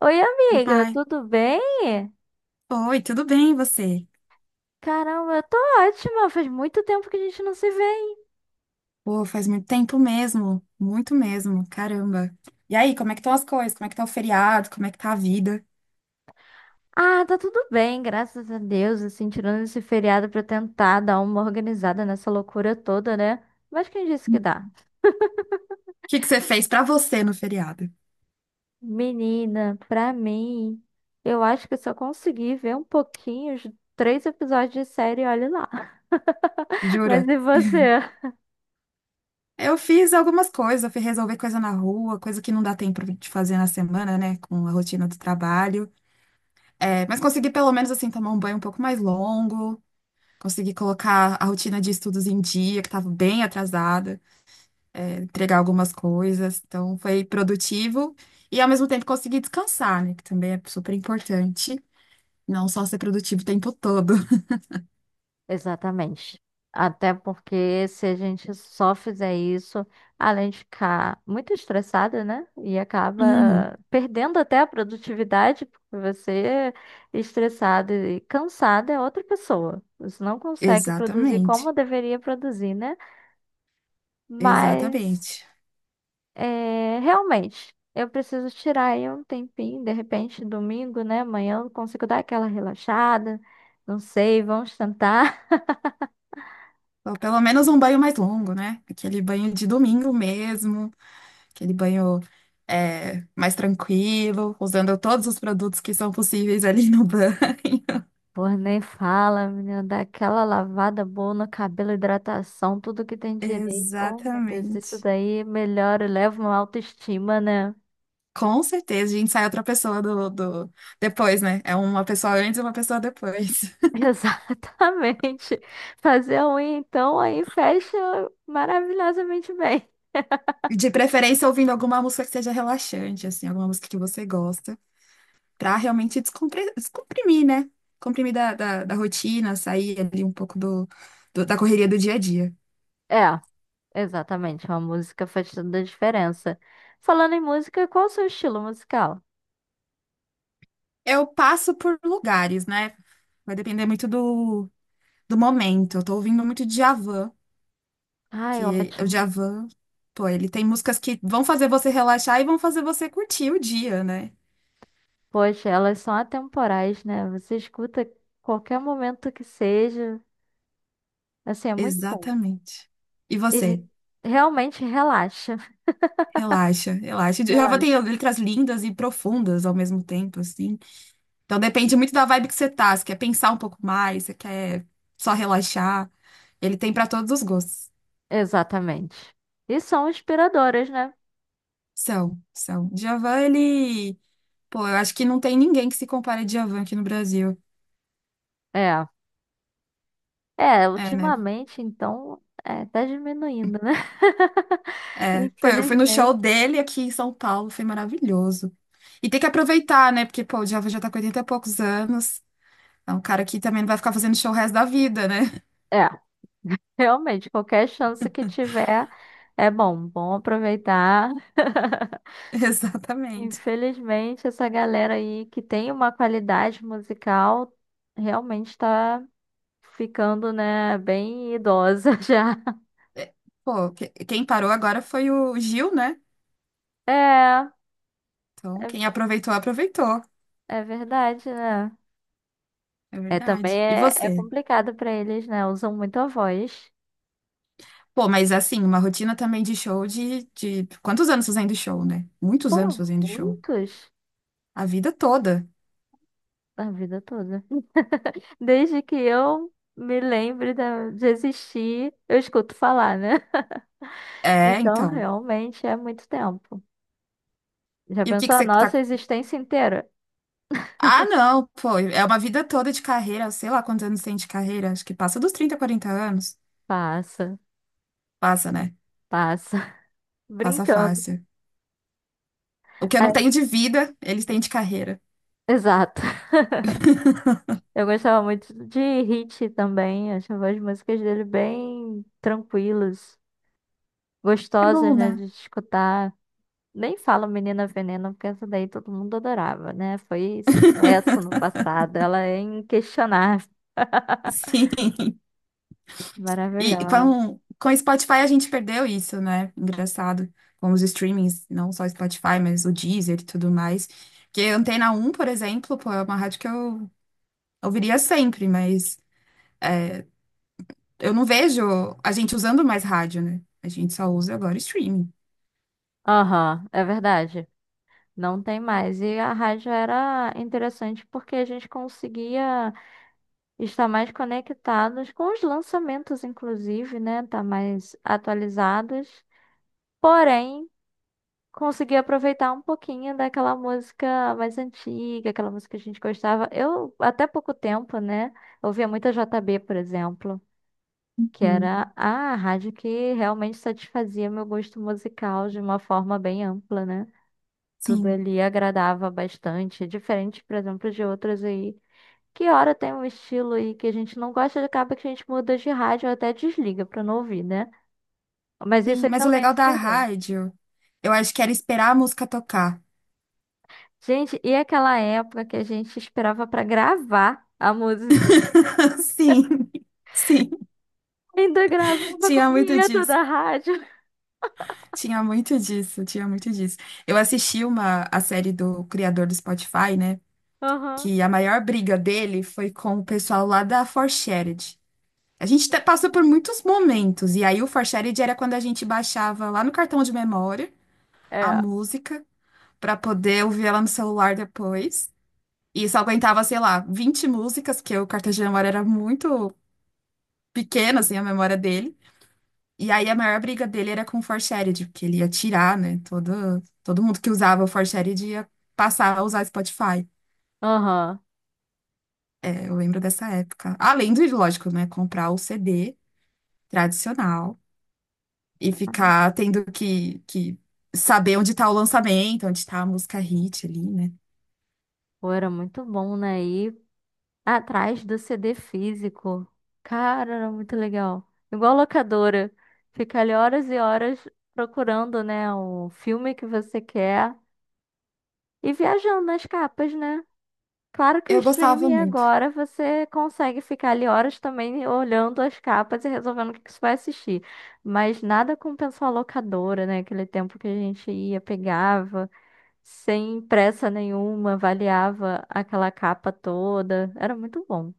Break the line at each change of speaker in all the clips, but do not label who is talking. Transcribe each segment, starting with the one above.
Oi,
Oi,
amiga,
pai.
tudo bem?
Oi, tudo bem, e você?
Caramba, eu tô ótima. Faz muito tempo que a gente não se vê, hein?
Pô, faz muito tempo mesmo, muito mesmo, caramba. E aí, como é que estão as coisas? Como é que tá o feriado? Como é que tá a vida?
Ah, tá tudo bem, graças a Deus, assim, tirando esse feriado pra tentar dar uma organizada nessa loucura toda, né? Mas quem disse que dá?
O que que você fez pra você no feriado?
Menina, pra mim, eu acho que eu só consegui ver um pouquinho, os três episódios de série, olha lá. Mas
Jura?
e você?
Eu fiz algumas coisas, eu fui resolver coisa na rua, coisa que não dá tempo de fazer na semana, né, com a rotina do trabalho. É, mas consegui pelo menos, assim, tomar um banho um pouco mais longo, consegui colocar a rotina de estudos em dia, que estava bem atrasada. É, entregar algumas coisas. Então, foi produtivo e, ao mesmo tempo, consegui descansar, né? Que também é super importante. Não só ser produtivo o tempo todo.
Exatamente. Até porque se a gente só fizer isso, além de ficar muito estressada, né? E
Uhum.
acaba perdendo até a produtividade, porque você é estressada e cansada é outra pessoa. Você não consegue produzir
Exatamente.
como deveria produzir, né? Mas
Exatamente.
é, realmente, eu preciso tirar aí um tempinho, de repente, domingo, né? Amanhã eu consigo dar aquela relaxada. Não sei, vamos tentar.
Ou pelo menos um banho mais longo, né? Aquele banho de domingo mesmo, aquele banho é, mais tranquilo, usando todos os produtos que são possíveis ali no banho.
Pô, nem fala, menina, dá aquela lavada boa no cabelo, hidratação, tudo que tem direito. Oh, meu Deus, isso
Exatamente.
daí melhora, leva uma autoestima, né?
Com certeza, a gente sai outra pessoa do... depois, né? É uma pessoa antes e uma pessoa depois.
Exatamente. Fazer a unha, então, aí fecha maravilhosamente bem.
De preferência, ouvindo alguma música que seja relaxante, assim, alguma música que você gosta, pra realmente descomprimir, né? Comprimir da rotina, sair ali um pouco da correria do dia a dia.
É, exatamente, uma música faz toda a diferença. Falando em música, qual o seu estilo musical?
Eu passo por lugares, né? Vai depender muito do, do momento. Eu tô ouvindo muito Djavan,
Ai,
que o
ótimo.
Djavan, pô, ele tem músicas que vão fazer você relaxar e vão fazer você curtir o dia, né?
Poxa, elas são atemporais, né? Você escuta qualquer momento que seja. Assim, é muito bom.
Exatamente. E
E
você?
re- Realmente relaxa.
Relaxa, relaxa. Java tem
Relaxa.
letras lindas e profundas ao mesmo tempo, assim. Então depende muito da vibe que você tá. Você quer pensar um pouco mais, você quer só relaxar. Ele tem pra todos os gostos.
Exatamente. E são inspiradoras, né?
São, são. Djavan, ele. Pô, eu acho que não tem ninguém que se compare a Djavan aqui no Brasil.
É. É,
É, né?
ultimamente, então, é, tá diminuindo, né?
É. Pô, eu fui no show
Infelizmente.
dele aqui em São Paulo, foi maravilhoso. E tem que aproveitar, né? Porque, pô, o Djavan já tá com 80 e poucos anos. É um cara que também não vai ficar fazendo show o resto da vida, né?
É, realmente, qualquer chance que tiver é bom, bom aproveitar.
Exatamente.
Infelizmente, essa galera aí que tem uma qualidade musical realmente tá ficando, né, bem idosa já.
Pô, quem parou agora foi o Gil, né?
É.
Então,
é
quem aproveitou, aproveitou.
É verdade, né?
É
É, também
verdade. E
é, é
você?
complicado pra eles, né? Usam muito a voz.
Pô, mas assim, uma rotina também de show de... Quantos anos fazendo show, né? Muitos
Por
anos fazendo show.
muitos,
A vida toda.
a vida toda. Desde que eu me lembre da- De existir, eu escuto falar, né?
É,
Então,
então.
realmente é muito tempo. Já
E o que
pensou
que
a
você
nossa
tá...
existência inteira?
Ah, não, pô, é uma vida toda de carreira. Sei lá quantos anos tem de carreira. Acho que passa dos 30 40 anos.
Passa,
Passa, né?
passa.
Passa
Brincando.
fácil. O que eu não
É,
tenho de vida, eles têm de carreira.
exato. Eu gostava muito de Hit também. Achava as músicas dele bem tranquilas,
É
gostosas,
bom,
né,
né?
de escutar. Nem fala Menina Veneno, porque essa daí todo mundo adorava, né? Foi sucesso no passado. Ela é inquestionável.
Sim. E
Maravilhosa.
com o Spotify a gente perdeu isso, né? Engraçado. Com os streamings, não só o Spotify, mas o Deezer e tudo mais. Que a Antena um, por exemplo, pô, é uma rádio que eu ouviria sempre, mas eu não vejo a gente usando mais rádio, né? A gente só usa agora streaming.
Aham, é verdade. Não tem mais. E a rádio era interessante porque a gente conseguia estar mais conectados com os lançamentos, inclusive, né? Estar mais atualizados. Porém, consegui aproveitar um pouquinho daquela música mais antiga, aquela música que a gente gostava. Eu, até pouco tempo, né, ouvia muita J B, por exemplo, que
Uhum.
era a rádio que realmente satisfazia meu gosto musical de uma forma bem ampla, né? Tudo
Sim,
ali agradava bastante, diferente, por exemplo, de outras aí. Que hora tem um estilo aí que a gente não gosta, acaba que a gente muda de rádio ou até desliga pra não ouvir, né? Mas isso
sim.
aí
Mas o
também
legal
se
da
perdeu.
rádio, eu acho que era esperar a música tocar.
Gente, e aquela época que a gente esperava pra gravar a música?
Sim, sim.
Ainda gravava com
Tinha
a
muito
vinheta
disso.
da rádio.
Tinha muito disso, tinha muito disso. Eu assisti uma a série do criador do Spotify, né?
Aham.
Que a maior briga dele foi com o pessoal lá da 4. Passou por muitos momentos, e aí o 4 era quando a gente baixava lá no cartão de memória a
É.
música pra poder ouvir ela no celular depois. E só aguentava, sei lá, 20 músicas, porque o cartão de memória era muito pequeno, assim, a memória dele. E aí a maior briga dele era com o Forshared, porque ele ia tirar, né? Todo mundo que usava o Forshared ia passar a usar Spotify.
Aham.
É, eu lembro dessa época. Além do lógico, né? Comprar o CD tradicional e ficar tendo que saber onde tá o lançamento, onde tá a música hit ali, né?
Pô, era muito bom, né? E atrás do CD físico. Cara, era muito legal. Igual locadora. Fica ali horas e horas procurando, né, o filme que você quer e viajando nas capas, né? Claro que o
Eu gostava
streaming
muito.
agora você consegue ficar ali horas também olhando as capas e resolvendo o que que você vai assistir. Mas nada compensa a locadora, né? Aquele tempo que a gente ia, pegava, sem pressa nenhuma, avaliava aquela capa toda. Era muito bom.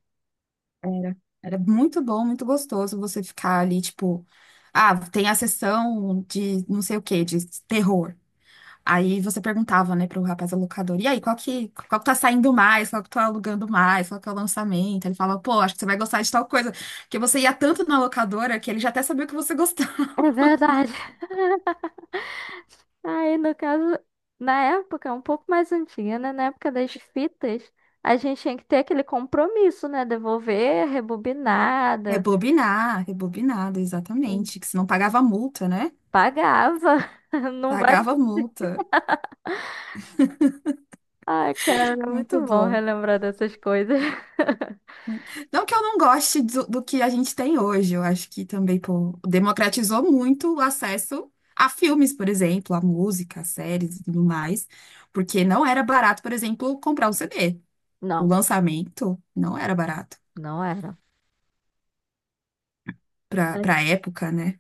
Era. Era muito bom, muito gostoso você ficar ali, tipo, ah, tem a sessão de não sei o quê, de terror. Aí você perguntava, né, pro rapaz alocador, e aí, qual que tá saindo mais, qual que tá alugando mais, qual que é o lançamento? Ele falava, pô, acho que você vai gostar de tal coisa. Porque você ia tanto na locadora que ele já até sabia o que você gostava.
É verdade. Aí, no caso, na época, um pouco mais antiga, né? Na época das fitas, a gente tinha que ter aquele compromisso, né? Devolver, rebobinada,
Rebobinar, rebobinado, exatamente. Que se não pagava multa, né?
pagava. Não vai.
Pagava multa.
Ai, cara,
Muito
muito bom
bom.
relembrar dessas coisas.
Não que eu não goste do, do que a gente tem hoje, eu acho que também, pô, democratizou muito o acesso a filmes, por exemplo, a música, a séries e tudo mais, porque não era barato, por exemplo, comprar um CD. O
Não,
lançamento não era barato
não era. É
para época, né?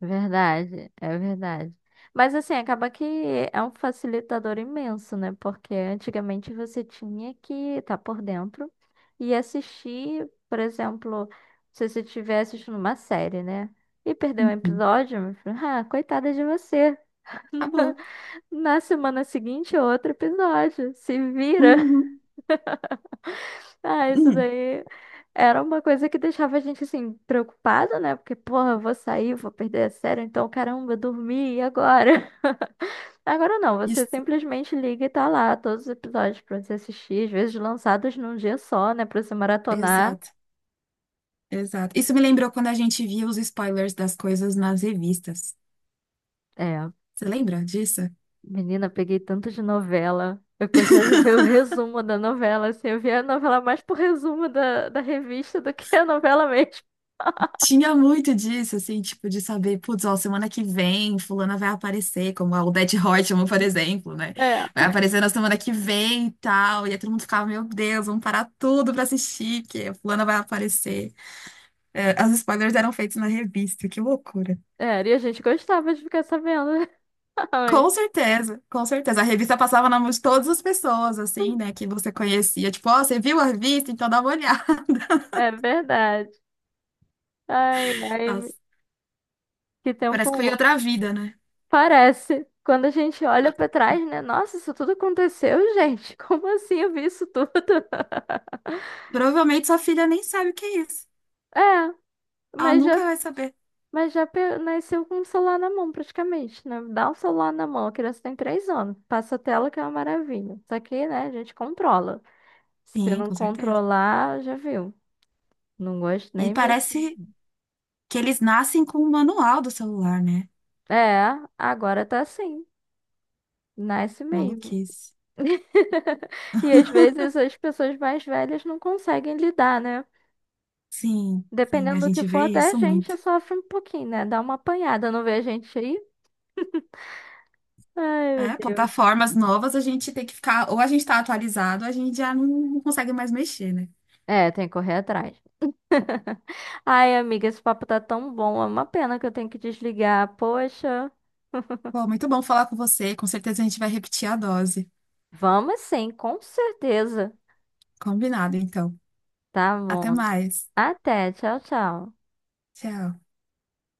verdade, é verdade. Mas assim, acaba que é um facilitador imenso, né? Porque antigamente você tinha que estar por dentro e assistir, por exemplo, se você estiver assistindo uma série, né? E perdeu um
Uhum.
episódio, meu filho, ah, coitada de você.
Acabou.
Na semana seguinte, outro episódio. Se vira.
Uhum.
Ah, isso
Uhum.
daí era uma coisa que deixava a gente assim preocupada, né? Porque, porra, eu vou sair, vou perder a série, então caramba, eu dormi, e agora? Agora não, você
Isso,
simplesmente liga e tá lá todos os episódios pra você assistir, às vezes lançados num dia só, né? Pra você maratonar.
exato, exato. Isso me lembrou quando a gente via os spoilers das coisas nas revistas.
É,
Você lembra disso?
menina, peguei tanto de novela. Eu gostava de ver o resumo da novela, assim, eu via a novela mais por resumo da revista do que a novela mesmo.
Tinha muito disso, assim, tipo, de saber, putz, ó, semana que vem, fulana vai aparecer, como a Odete Roitman, por exemplo, né?
É,
Vai aparecer na semana que vem e tal. E aí todo mundo ficava, meu Deus, vamos parar tudo pra assistir, que a fulana vai aparecer. É, as spoilers eram feitos na revista, que loucura.
é, e a gente gostava de ficar sabendo
Com
antes.
certeza, com certeza. A revista passava na mão de todas as pessoas, assim, né, que você conhecia. Tipo, ó, você viu a revista? Então dá uma olhada.
É verdade. Ai, ai,
Nossa,
que tempo
parece que foi
bom.
outra vida, né?
Parece. Quando a gente olha pra trás, né? Nossa, isso tudo aconteceu, gente. Como assim eu vi isso tudo?
Provavelmente sua filha nem sabe o que é isso.
É,
Ela
mas já,
nunca vai saber.
nasceu com o celular na mão, praticamente, né? Dá o celular na mão, a criança tem 3 anos. Passa a tela que é uma maravilha. Só que, né, a gente controla. Se
Sim,
não
com certeza.
controlar, já viu. Não gosto
E
nem mesmo.
parece que eles nascem com o manual do celular, né?
É, agora tá assim. Nasce mesmo.
Maluquice.
E às vezes as pessoas mais velhas não conseguem lidar, né?
Sim, sim,
Dependendo
a
do que
gente
for,
vê
até a
isso muito.
gente sofre um pouquinho, né? Dá uma apanhada, não vê a gente aí? Ai, meu
É,
Deus.
plataformas novas a gente tem que ficar, ou a gente tá atualizado, ou a gente já não consegue mais mexer, né?
É, tem que correr atrás. Ai, amiga, esse papo tá tão bom. É uma pena que eu tenho que desligar. Poxa.
Bom, muito bom falar com você. Com certeza a gente vai repetir a dose.
Vamos sim, com certeza.
Combinado, então.
Tá
Até
bom.
mais.
Até, tchau, tchau.
Tchau.